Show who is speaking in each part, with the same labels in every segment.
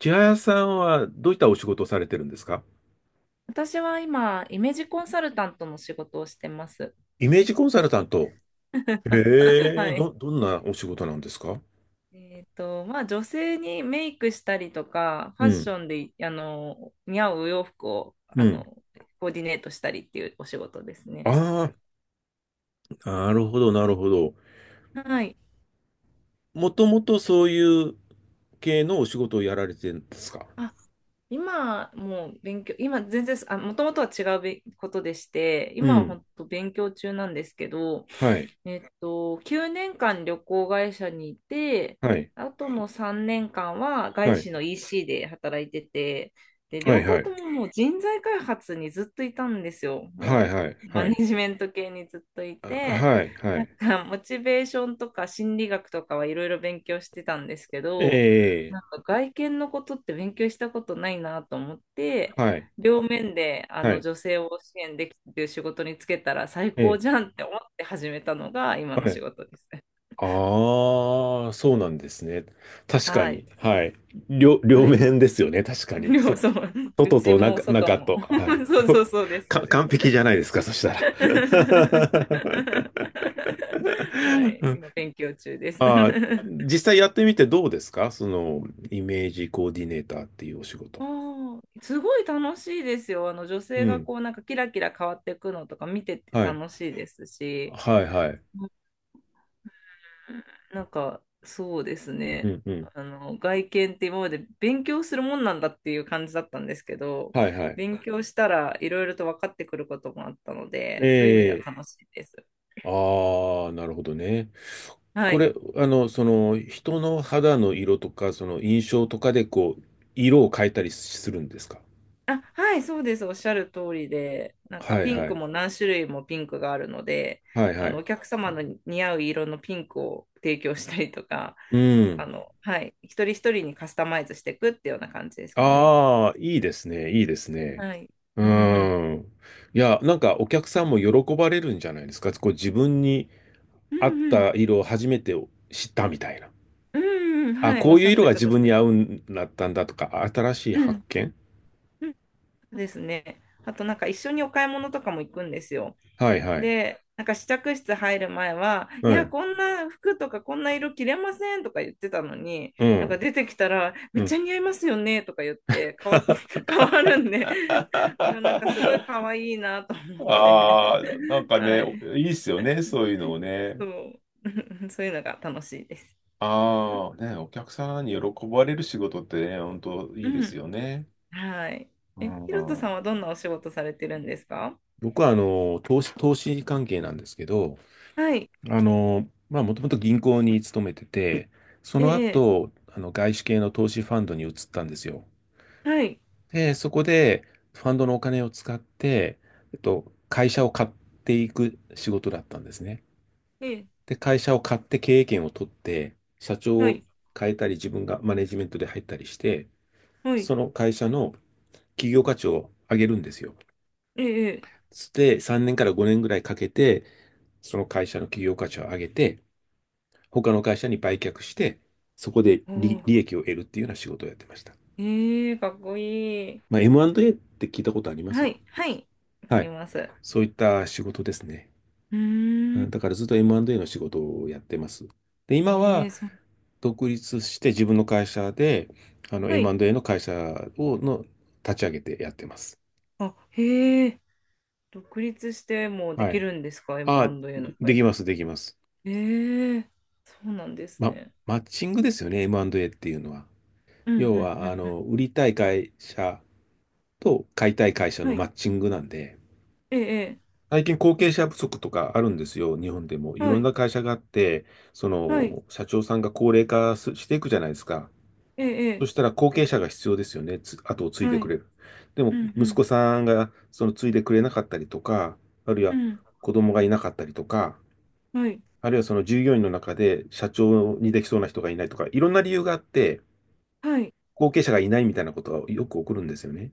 Speaker 1: 千早さんはどういったお仕事をされてるんですか？
Speaker 2: 私は今、イメージコンサルタントの仕事をしてます。
Speaker 1: イメージコンサルタント。へえ、
Speaker 2: はい。
Speaker 1: どんなお仕事なんですか？
Speaker 2: まあ、女性にメイクしたりとか、ファ
Speaker 1: う
Speaker 2: ッ
Speaker 1: ん、
Speaker 2: ションで、似合うお洋服を、
Speaker 1: うん。
Speaker 2: コーディネートしたりっていうお仕事ですね。
Speaker 1: ああ、なるほど、なるほど。
Speaker 2: はい。
Speaker 1: もともとそういう系のお仕事をやられてるんですか？
Speaker 2: あ、今もう勉強、今全然、あ、もともとは違うべことでして、
Speaker 1: う
Speaker 2: 今は
Speaker 1: ん。
Speaker 2: 本当勉強中なんですけど、
Speaker 1: はい、
Speaker 2: 9年間旅行会社にいて、
Speaker 1: はい、
Speaker 2: あとの3年間は外
Speaker 1: はい、
Speaker 2: 資の EC で働いてて、で、
Speaker 1: は
Speaker 2: 両
Speaker 1: い、は
Speaker 2: 方とも
Speaker 1: い、
Speaker 2: もう人材開発にずっといたんですよ。も
Speaker 1: は
Speaker 2: う
Speaker 1: い、はい、
Speaker 2: マ
Speaker 1: は
Speaker 2: ネ
Speaker 1: い、
Speaker 2: ジメント系にずっとい
Speaker 1: あ、
Speaker 2: て、
Speaker 1: はい、は
Speaker 2: なん
Speaker 1: い。
Speaker 2: かモチベーションとか心理学とかはいろいろ勉強してたんですけ
Speaker 1: え
Speaker 2: ど、
Speaker 1: え、
Speaker 2: なんか外見のことって勉強したことないなと思って、
Speaker 1: はい、
Speaker 2: 両面であ
Speaker 1: は
Speaker 2: の
Speaker 1: い、
Speaker 2: 女性を支援できるっていう仕事につけたら最
Speaker 1: え
Speaker 2: 高
Speaker 1: え、
Speaker 2: じゃんって思って始めたのが今の
Speaker 1: は
Speaker 2: 仕
Speaker 1: い。
Speaker 2: 事ですね。
Speaker 1: ああ、そうなんですね。確か
Speaker 2: はい。
Speaker 1: に。はい。両
Speaker 2: はい。
Speaker 1: 面ですよね。確かに。
Speaker 2: そう、う
Speaker 1: 外
Speaker 2: ち
Speaker 1: と
Speaker 2: も
Speaker 1: 中、
Speaker 2: 外
Speaker 1: 中
Speaker 2: も。
Speaker 1: と。はい。
Speaker 2: そうそうそうで す、そうです。
Speaker 1: 完璧じゃないですか、そしたら。
Speaker 2: はい。
Speaker 1: あ
Speaker 2: 今勉強中です。
Speaker 1: あ、実際やってみてどうですか、その、イメージコーディネーターっていうお仕事。
Speaker 2: あーすごい楽しいですよ。あの女
Speaker 1: う
Speaker 2: 性が
Speaker 1: ん。
Speaker 2: こうなんかキラキラ変わっていくのとか見てて
Speaker 1: はい。
Speaker 2: 楽しいですし、
Speaker 1: はい、はい。
Speaker 2: なんか、そうです
Speaker 1: う
Speaker 2: ね。
Speaker 1: ん、うん。
Speaker 2: あの、外見って今まで勉強するもんなんだっていう感じだったんですけど、
Speaker 1: はい、はい。
Speaker 2: 勉強したらいろいろと分かってくることもあったので、そういう意味では
Speaker 1: ええ。
Speaker 2: 楽しいです。
Speaker 1: ああ、なるほどね。
Speaker 2: は
Speaker 1: こ
Speaker 2: い。
Speaker 1: れ、あの、その、人の肌の色とか、その印象とかで、こう、色を変えたりするんですか？
Speaker 2: あ、はい、そうです。おっしゃる通りで、なん
Speaker 1: は
Speaker 2: か
Speaker 1: い
Speaker 2: ピン
Speaker 1: は
Speaker 2: ク
Speaker 1: い。
Speaker 2: も何種類もピンクがあるので、
Speaker 1: はいはい。
Speaker 2: お客様の似合う色のピンクを提供したりとか、
Speaker 1: うん。
Speaker 2: はい、一人一人にカスタマイズしていくっていうような感じですかね。
Speaker 1: ああ、いいですね。いいですね。
Speaker 2: はい。
Speaker 1: う
Speaker 2: うんうんうん。
Speaker 1: ん。いや、なんかお客さんも喜ばれるんじゃないですか。こう自分に
Speaker 2: う
Speaker 1: 合っ
Speaker 2: んうん
Speaker 1: た色を初めて知ったみたいな。
Speaker 2: うん
Speaker 1: あ、
Speaker 2: はい、お
Speaker 1: こ
Speaker 2: っ
Speaker 1: うい
Speaker 2: し
Speaker 1: う
Speaker 2: ゃっ
Speaker 1: 色
Speaker 2: て
Speaker 1: が
Speaker 2: く
Speaker 1: 自
Speaker 2: だ
Speaker 1: 分
Speaker 2: さ
Speaker 1: に
Speaker 2: い。
Speaker 1: 合うんだったんだとか、新しい
Speaker 2: う
Speaker 1: 発
Speaker 2: ん、
Speaker 1: 見。
Speaker 2: うんそうですね。あとなんか一緒にお買い物とかも行くんですよ。
Speaker 1: はいはい。
Speaker 2: で、なんか試着室入る前は、
Speaker 1: う
Speaker 2: いや、
Speaker 1: ん。
Speaker 2: こんな服とかこんな色着れませんとか言ってたのに、
Speaker 1: う
Speaker 2: なんか
Speaker 1: ん。
Speaker 2: 出てきたら、め
Speaker 1: う
Speaker 2: っち
Speaker 1: ん。
Speaker 2: ゃ似合いますよねとか言って、変わって、変わるんで、うんなんかすごい 可愛いなと思って、
Speaker 1: ああ、なん か
Speaker 2: は
Speaker 1: ね、
Speaker 2: い、
Speaker 1: おいいっすよね、そういうのを
Speaker 2: そ
Speaker 1: ね。
Speaker 2: う、そういうのが楽しいです。
Speaker 1: ああ、ね、お客さんに喜ばれる仕事ってね、本当い
Speaker 2: う
Speaker 1: いです
Speaker 2: ん、
Speaker 1: よね。
Speaker 2: はい。
Speaker 1: う
Speaker 2: え、ひろと
Speaker 1: ん。
Speaker 2: さんはどんなお仕事されてるんですか？
Speaker 1: 僕はあの投資関係なんですけど、
Speaker 2: はい、
Speaker 1: あの、まあ、もともと銀行に勤めてて、そ
Speaker 2: え
Speaker 1: の
Speaker 2: え。
Speaker 1: 後、あの外資系の投資ファンドに移ったんですよ。
Speaker 2: はい。
Speaker 1: で、そこでファンドのお金を使って、会社を買っていく仕事だったんですね。
Speaker 2: ええ、
Speaker 1: で、会社を買って経営権を取って、社長
Speaker 2: は
Speaker 1: を
Speaker 2: い。
Speaker 1: 変えたり、自分がマネジメントで入ったりして、
Speaker 2: はい。
Speaker 1: その会社の企業価値を上げるんですよ。
Speaker 2: ええ、ええ
Speaker 1: で、3年から5年ぐらいかけて、その会社の企業価値を上げて、他の会社に売却して、そこで
Speaker 2: おー
Speaker 1: 利益を得るっていうような仕事をやってました。
Speaker 2: ええかっこいい。
Speaker 1: まあ、M&A って聞いたことあります？
Speaker 2: はい。はい。わか
Speaker 1: は
Speaker 2: り
Speaker 1: い。
Speaker 2: ます。う
Speaker 1: そういった仕事ですね。
Speaker 2: ー
Speaker 1: う
Speaker 2: ん。
Speaker 1: ん、だからずっと M&A の仕事をやってます。で、今
Speaker 2: え
Speaker 1: は
Speaker 2: え、そう。
Speaker 1: 独立して自分の会社で、あの
Speaker 2: はい。
Speaker 1: M&A の会社を、の立ち上げてやってます。
Speaker 2: あ、へえ。独立してもで
Speaker 1: は
Speaker 2: き
Speaker 1: い。
Speaker 2: るんですか
Speaker 1: あ、
Speaker 2: ?M&A の
Speaker 1: で
Speaker 2: 会
Speaker 1: き
Speaker 2: 社
Speaker 1: ま
Speaker 2: っ
Speaker 1: す、
Speaker 2: て。
Speaker 1: できます。
Speaker 2: ええ、そうなんです
Speaker 1: ま、
Speaker 2: ね。
Speaker 1: マッチングですよね、M&A っていうのは。
Speaker 2: うん、うん、
Speaker 1: 要
Speaker 2: う
Speaker 1: は、あ
Speaker 2: ん、
Speaker 1: の、売りたい会社と買いたい会社
Speaker 2: うん。は
Speaker 1: の
Speaker 2: い。
Speaker 1: マッチングなんで、
Speaker 2: ええ、
Speaker 1: 最近後継者不足とかあるんですよ、日本でも。い
Speaker 2: ええは
Speaker 1: ろん
Speaker 2: い。
Speaker 1: な会社があって、そ
Speaker 2: はい。
Speaker 1: の、社長さんが高齢化すしていくじゃないですか。
Speaker 2: え
Speaker 1: そ
Speaker 2: え、
Speaker 1: したら後継者が必要ですよね。後を継
Speaker 2: え
Speaker 1: い
Speaker 2: え
Speaker 1: で
Speaker 2: は
Speaker 1: く
Speaker 2: い。
Speaker 1: れる。で
Speaker 2: う
Speaker 1: も、息
Speaker 2: ん、
Speaker 1: 子さんがその継いでくれなかったりとか、あるい
Speaker 2: う
Speaker 1: は
Speaker 2: ん、うん。
Speaker 1: 子供がいなかったりとか、
Speaker 2: はい。
Speaker 1: あるいはその従業員の中で社長にできそうな人がいないとか、いろんな理由があって、
Speaker 2: はい。
Speaker 1: 後継者がいないみたいなことがよく起こるんですよね。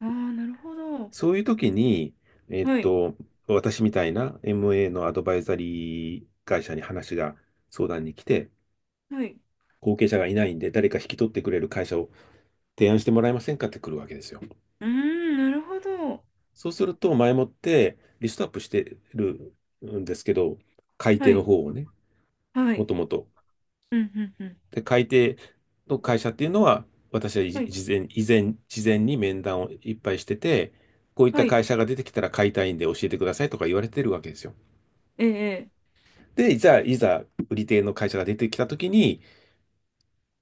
Speaker 2: ああ、なるほど。
Speaker 1: そういう時に、えっ
Speaker 2: はい。
Speaker 1: と、私みたいな MA のアドバイザリー会社に相談に来て、
Speaker 2: はい。
Speaker 1: 後継者がいないんで誰か引き取ってくれる会社を提案してもらえませんかって来るわけですよ。
Speaker 2: うーん、なるほど。
Speaker 1: そうすると、前もってリストアップしてるんですけど、改定
Speaker 2: は
Speaker 1: の
Speaker 2: い。
Speaker 1: 方をね、
Speaker 2: は
Speaker 1: も
Speaker 2: い。
Speaker 1: ともと。
Speaker 2: うんうんうん。
Speaker 1: で、改定の
Speaker 2: お
Speaker 1: 会社っていうのは、私
Speaker 2: はい。
Speaker 1: 事前に面談をいっぱいしてて、こういっ
Speaker 2: は
Speaker 1: た
Speaker 2: い。
Speaker 1: 会社が出てきたら買いたいんで教えてくださいとか言われてるわけですよ。
Speaker 2: ええ。
Speaker 1: で、じゃあ、いざ売り手の会社が出てきたときに、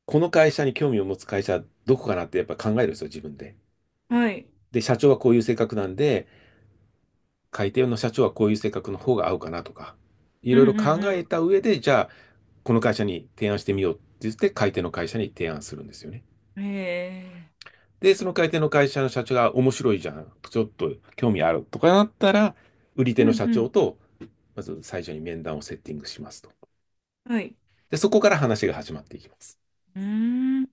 Speaker 1: この会社に興味を持つ会社、どこかなってやっぱ考えるんですよ、自分で。
Speaker 2: はい。
Speaker 1: で、社長はこういう性格なんで、改定の社長はこういう性格の方が合うかなとか。い
Speaker 2: う
Speaker 1: ろ
Speaker 2: ん
Speaker 1: いろ考
Speaker 2: うん
Speaker 1: えた上で、じゃあ、この会社に提案してみようって言って、買い手の会社に提案するんですよね。
Speaker 2: うん。ええ。
Speaker 1: で、その買い手の会社の社長が面白いじゃん、ちょっと興味あるとかなったら、売り
Speaker 2: う
Speaker 1: 手の
Speaker 2: ん
Speaker 1: 社
Speaker 2: う
Speaker 1: 長
Speaker 2: ん。
Speaker 1: と、まず最初に面談をセッティングしますと。
Speaker 2: はい。
Speaker 1: で、そこから話が始まっていきます。
Speaker 2: うーん。じ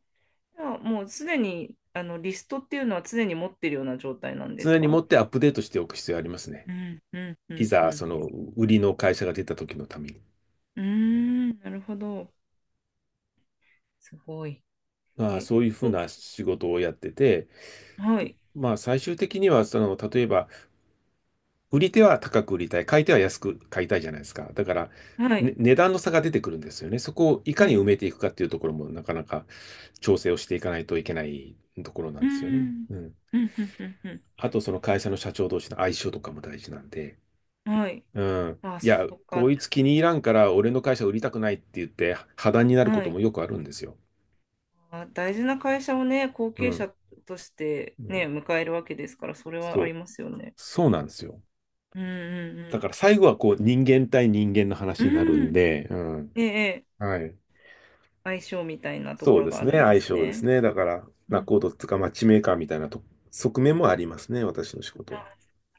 Speaker 2: ゃあもうすでにあのリストっていうのは常に持ってるような状態なんです
Speaker 1: 常に持
Speaker 2: か？
Speaker 1: ってアップデートしておく必要ありますね。
Speaker 2: うんうんう
Speaker 1: い
Speaker 2: んう
Speaker 1: ざ、そ
Speaker 2: ん。
Speaker 1: の売りの会社が出た時のために。
Speaker 2: うーん。なるほど。すごい。
Speaker 1: まあ、
Speaker 2: え、
Speaker 1: そういうふう
Speaker 2: と、
Speaker 1: な仕事をやってて、
Speaker 2: はい。
Speaker 1: まあ、最終的には、その、例えば、売り手は高く売りたい、買い手は安く買いたいじゃないですか。だから、
Speaker 2: は
Speaker 1: ね、
Speaker 2: い。
Speaker 1: 値段の差が出てくるんですよね。そこをいかに
Speaker 2: え、
Speaker 1: 埋めていくかっていうところも、なかなか調整をしていかないといけないところなん
Speaker 2: うー
Speaker 1: ですよね。
Speaker 2: ん。
Speaker 1: うん。
Speaker 2: うんうんうん
Speaker 1: あと、その会社の社長同士の相性とかも大事なんで、
Speaker 2: うん。はい。
Speaker 1: うん。
Speaker 2: あ、
Speaker 1: い
Speaker 2: そ
Speaker 1: や、
Speaker 2: っ
Speaker 1: こ
Speaker 2: か。
Speaker 1: いつ気に入らんから、俺の会社売りたくないって言って、破談になるこ
Speaker 2: は
Speaker 1: と
Speaker 2: い。
Speaker 1: もよくあるんですよ。
Speaker 2: あ、大事な会社をね、後
Speaker 1: う
Speaker 2: 継
Speaker 1: ん。
Speaker 2: 者として
Speaker 1: う
Speaker 2: ね、
Speaker 1: ん。
Speaker 2: 迎えるわけですから、それ
Speaker 1: そ
Speaker 2: はあり
Speaker 1: う。
Speaker 2: ますよね。
Speaker 1: そうなんですよ。
Speaker 2: うんう
Speaker 1: だから
Speaker 2: ん
Speaker 1: 最後はこう人間対人間の
Speaker 2: う
Speaker 1: 話になる
Speaker 2: ん。う
Speaker 1: ん
Speaker 2: ん。
Speaker 1: で、うん。
Speaker 2: ええ、ええ
Speaker 1: はい。
Speaker 2: 相性みたいなと
Speaker 1: そ
Speaker 2: こ
Speaker 1: う
Speaker 2: ろ
Speaker 1: で
Speaker 2: が
Speaker 1: す
Speaker 2: あ
Speaker 1: ね、
Speaker 2: るんで
Speaker 1: 相
Speaker 2: す
Speaker 1: 性で
Speaker 2: ね。
Speaker 1: すね。だから、
Speaker 2: う
Speaker 1: ナ
Speaker 2: ん
Speaker 1: コードっつうか、マッチメーカーみたいなと側面もありますね、私の仕事
Speaker 2: あな
Speaker 1: は。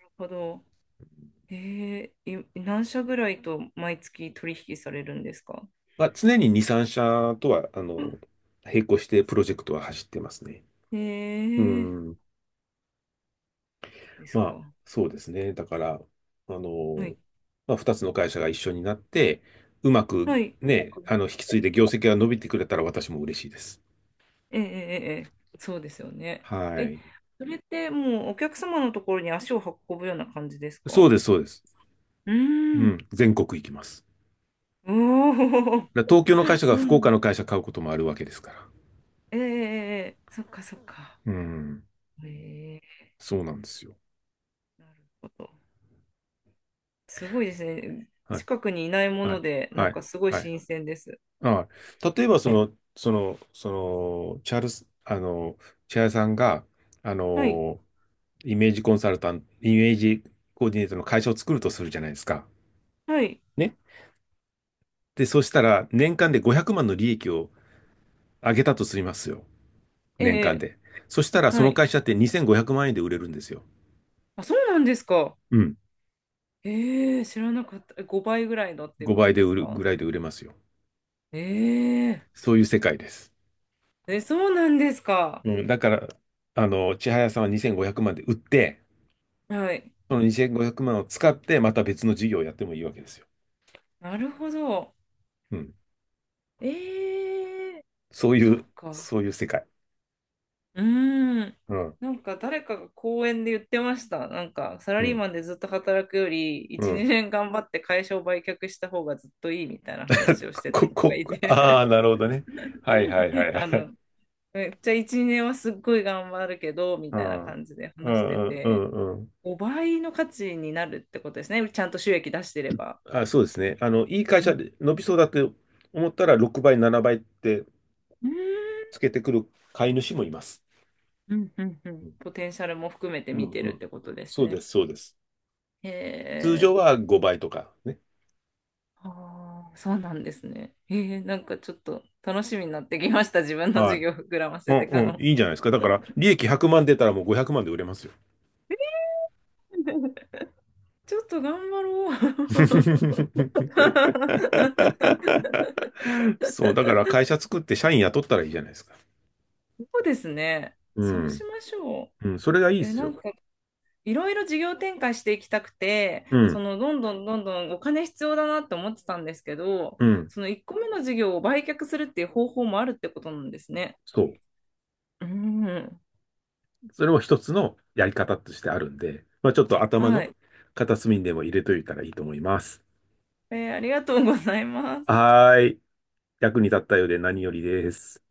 Speaker 2: るほど。ええ、何社ぐらいと毎月取引されるんですか？
Speaker 1: まあ、常に2、3社とは、あの、並行してプロジェクトは走ってますね。
Speaker 2: え
Speaker 1: う
Speaker 2: え、
Speaker 1: ん。
Speaker 2: です
Speaker 1: まあ、
Speaker 2: か。
Speaker 1: そうですね。だから、あ
Speaker 2: は
Speaker 1: の、
Speaker 2: い。
Speaker 1: まあ、2つの会社が一緒になって、うまく
Speaker 2: はい。
Speaker 1: ね、あの、引き継いで業績が伸びてくれたら私も嬉しいです。
Speaker 2: ええ、ええ、ええそうですよね。
Speaker 1: は
Speaker 2: え、
Speaker 1: い。
Speaker 2: それってもうお客様のところに足を運ぶような感じですか？
Speaker 1: そうです、そうです。
Speaker 2: う
Speaker 1: う
Speaker 2: ー
Speaker 1: ん。
Speaker 2: ん。
Speaker 1: 全国行きます。
Speaker 2: おお、
Speaker 1: だから東京の会社
Speaker 2: そ
Speaker 1: が福岡の
Speaker 2: う
Speaker 1: 会社買うこともあるわけですから。
Speaker 2: ええええそっかそっか。
Speaker 1: うん。
Speaker 2: え
Speaker 1: そうなんですよ。
Speaker 2: えなるほど。すごいですね。
Speaker 1: はい。
Speaker 2: 近くにいないも
Speaker 1: は
Speaker 2: の
Speaker 1: い。
Speaker 2: で、な
Speaker 1: は
Speaker 2: ん
Speaker 1: い。
Speaker 2: かすごい
Speaker 1: はい。
Speaker 2: 新鮮です。
Speaker 1: ああ、例えば、その、チャールス、あの、チャールさんが、あ
Speaker 2: はい、
Speaker 1: の、イメージコンサルタント、イメージコーディネートの会社を作るとするじゃないですか。
Speaker 2: はい、
Speaker 1: ね。で、そしたら、年間で500万の利益を上げたとしますよ。
Speaker 2: え
Speaker 1: 年間
Speaker 2: え
Speaker 1: で。そしたら、そ
Speaker 2: は
Speaker 1: の
Speaker 2: い。
Speaker 1: 会社って2500万円で売れるんですよ。
Speaker 2: あ、そうなんですか。
Speaker 1: うん。
Speaker 2: ええ知らなかった。5倍ぐらいのっていうこ
Speaker 1: 5
Speaker 2: と
Speaker 1: 倍で
Speaker 2: です
Speaker 1: 売る
Speaker 2: か？
Speaker 1: ぐらいで売れますよ。
Speaker 2: え
Speaker 1: そういう世界です。
Speaker 2: ええ、そうなんですか。
Speaker 1: うん。だから、あの、千早さんは2500万で売って、
Speaker 2: はい。
Speaker 1: その2500万を使って、また別の事業をやってもいいわけですよ。
Speaker 2: なるほど。
Speaker 1: うん。
Speaker 2: ええそっか。
Speaker 1: そういう世界。
Speaker 2: うーん。
Speaker 1: うん。
Speaker 2: なんか誰かが講演で言ってました。なんかサラ
Speaker 1: う
Speaker 2: リー
Speaker 1: ん。
Speaker 2: マンでずっと働くより
Speaker 1: う
Speaker 2: 1、
Speaker 1: ん。
Speaker 2: 2年頑張って会社を売却した方がずっといいみたいな話 をしてた
Speaker 1: こ、
Speaker 2: 人が
Speaker 1: こ、
Speaker 2: い
Speaker 1: こ
Speaker 2: て
Speaker 1: ああ、なるほどね。はいはいは いは
Speaker 2: あ
Speaker 1: い。
Speaker 2: の、めっちゃ1、2年はすっごい頑張るけどみ
Speaker 1: う
Speaker 2: たいな
Speaker 1: ん。うん
Speaker 2: 感じで
Speaker 1: う
Speaker 2: 話して
Speaker 1: んう
Speaker 2: て、
Speaker 1: んうん。
Speaker 2: 5倍の価値になるってことですね。ちゃんと収益出してれば。
Speaker 1: あ、そうですね。あの、いい会
Speaker 2: う
Speaker 1: 社
Speaker 2: ん
Speaker 1: で伸びそうだって思ったら、6倍、7倍って
Speaker 2: うん
Speaker 1: つけてくる買い主もいます。
Speaker 2: うんうんう
Speaker 1: う
Speaker 2: ん
Speaker 1: ん
Speaker 2: ポテンシャルも含めて
Speaker 1: う
Speaker 2: 見
Speaker 1: ん
Speaker 2: て
Speaker 1: う
Speaker 2: るっ
Speaker 1: ん。
Speaker 2: てことです
Speaker 1: そうで
Speaker 2: ね。
Speaker 1: す、そうです。
Speaker 2: へ
Speaker 1: 通常
Speaker 2: え。
Speaker 1: は5倍とかね。
Speaker 2: ああ、そうなんですね。ええ、なんかちょっと楽しみになってきました。自分の
Speaker 1: は
Speaker 2: 授業膨らま
Speaker 1: い。う
Speaker 2: せ
Speaker 1: ん
Speaker 2: ていく
Speaker 1: うん。
Speaker 2: の。
Speaker 1: いいんじゃないですか。だから、利益100万出たらもう500万で売れますよ。
Speaker 2: ちょっと頑張ろう。
Speaker 1: そう、だから会社作って社員雇ったらいいじゃないですか。
Speaker 2: そうですね。
Speaker 1: う
Speaker 2: そうし
Speaker 1: ん。
Speaker 2: ましょ
Speaker 1: うん、それがいい
Speaker 2: う。
Speaker 1: で
Speaker 2: え、
Speaker 1: す
Speaker 2: なん
Speaker 1: よ。
Speaker 2: かいろいろ事業展開していきたくて、
Speaker 1: う
Speaker 2: そ
Speaker 1: ん。
Speaker 2: のどんどんどんどんお金必要だなって思ってたんですけど、
Speaker 1: うん。
Speaker 2: その1個目の事業を売却するっていう方法もあるってことなんですね。
Speaker 1: そ
Speaker 2: うん。
Speaker 1: う。それも一つのやり方としてあるんで、まあちょっと頭
Speaker 2: は
Speaker 1: の
Speaker 2: い。
Speaker 1: 片隅にでも入れといたらいいと思います。
Speaker 2: ありがとうございます。
Speaker 1: はーい。役に立ったようで何よりです。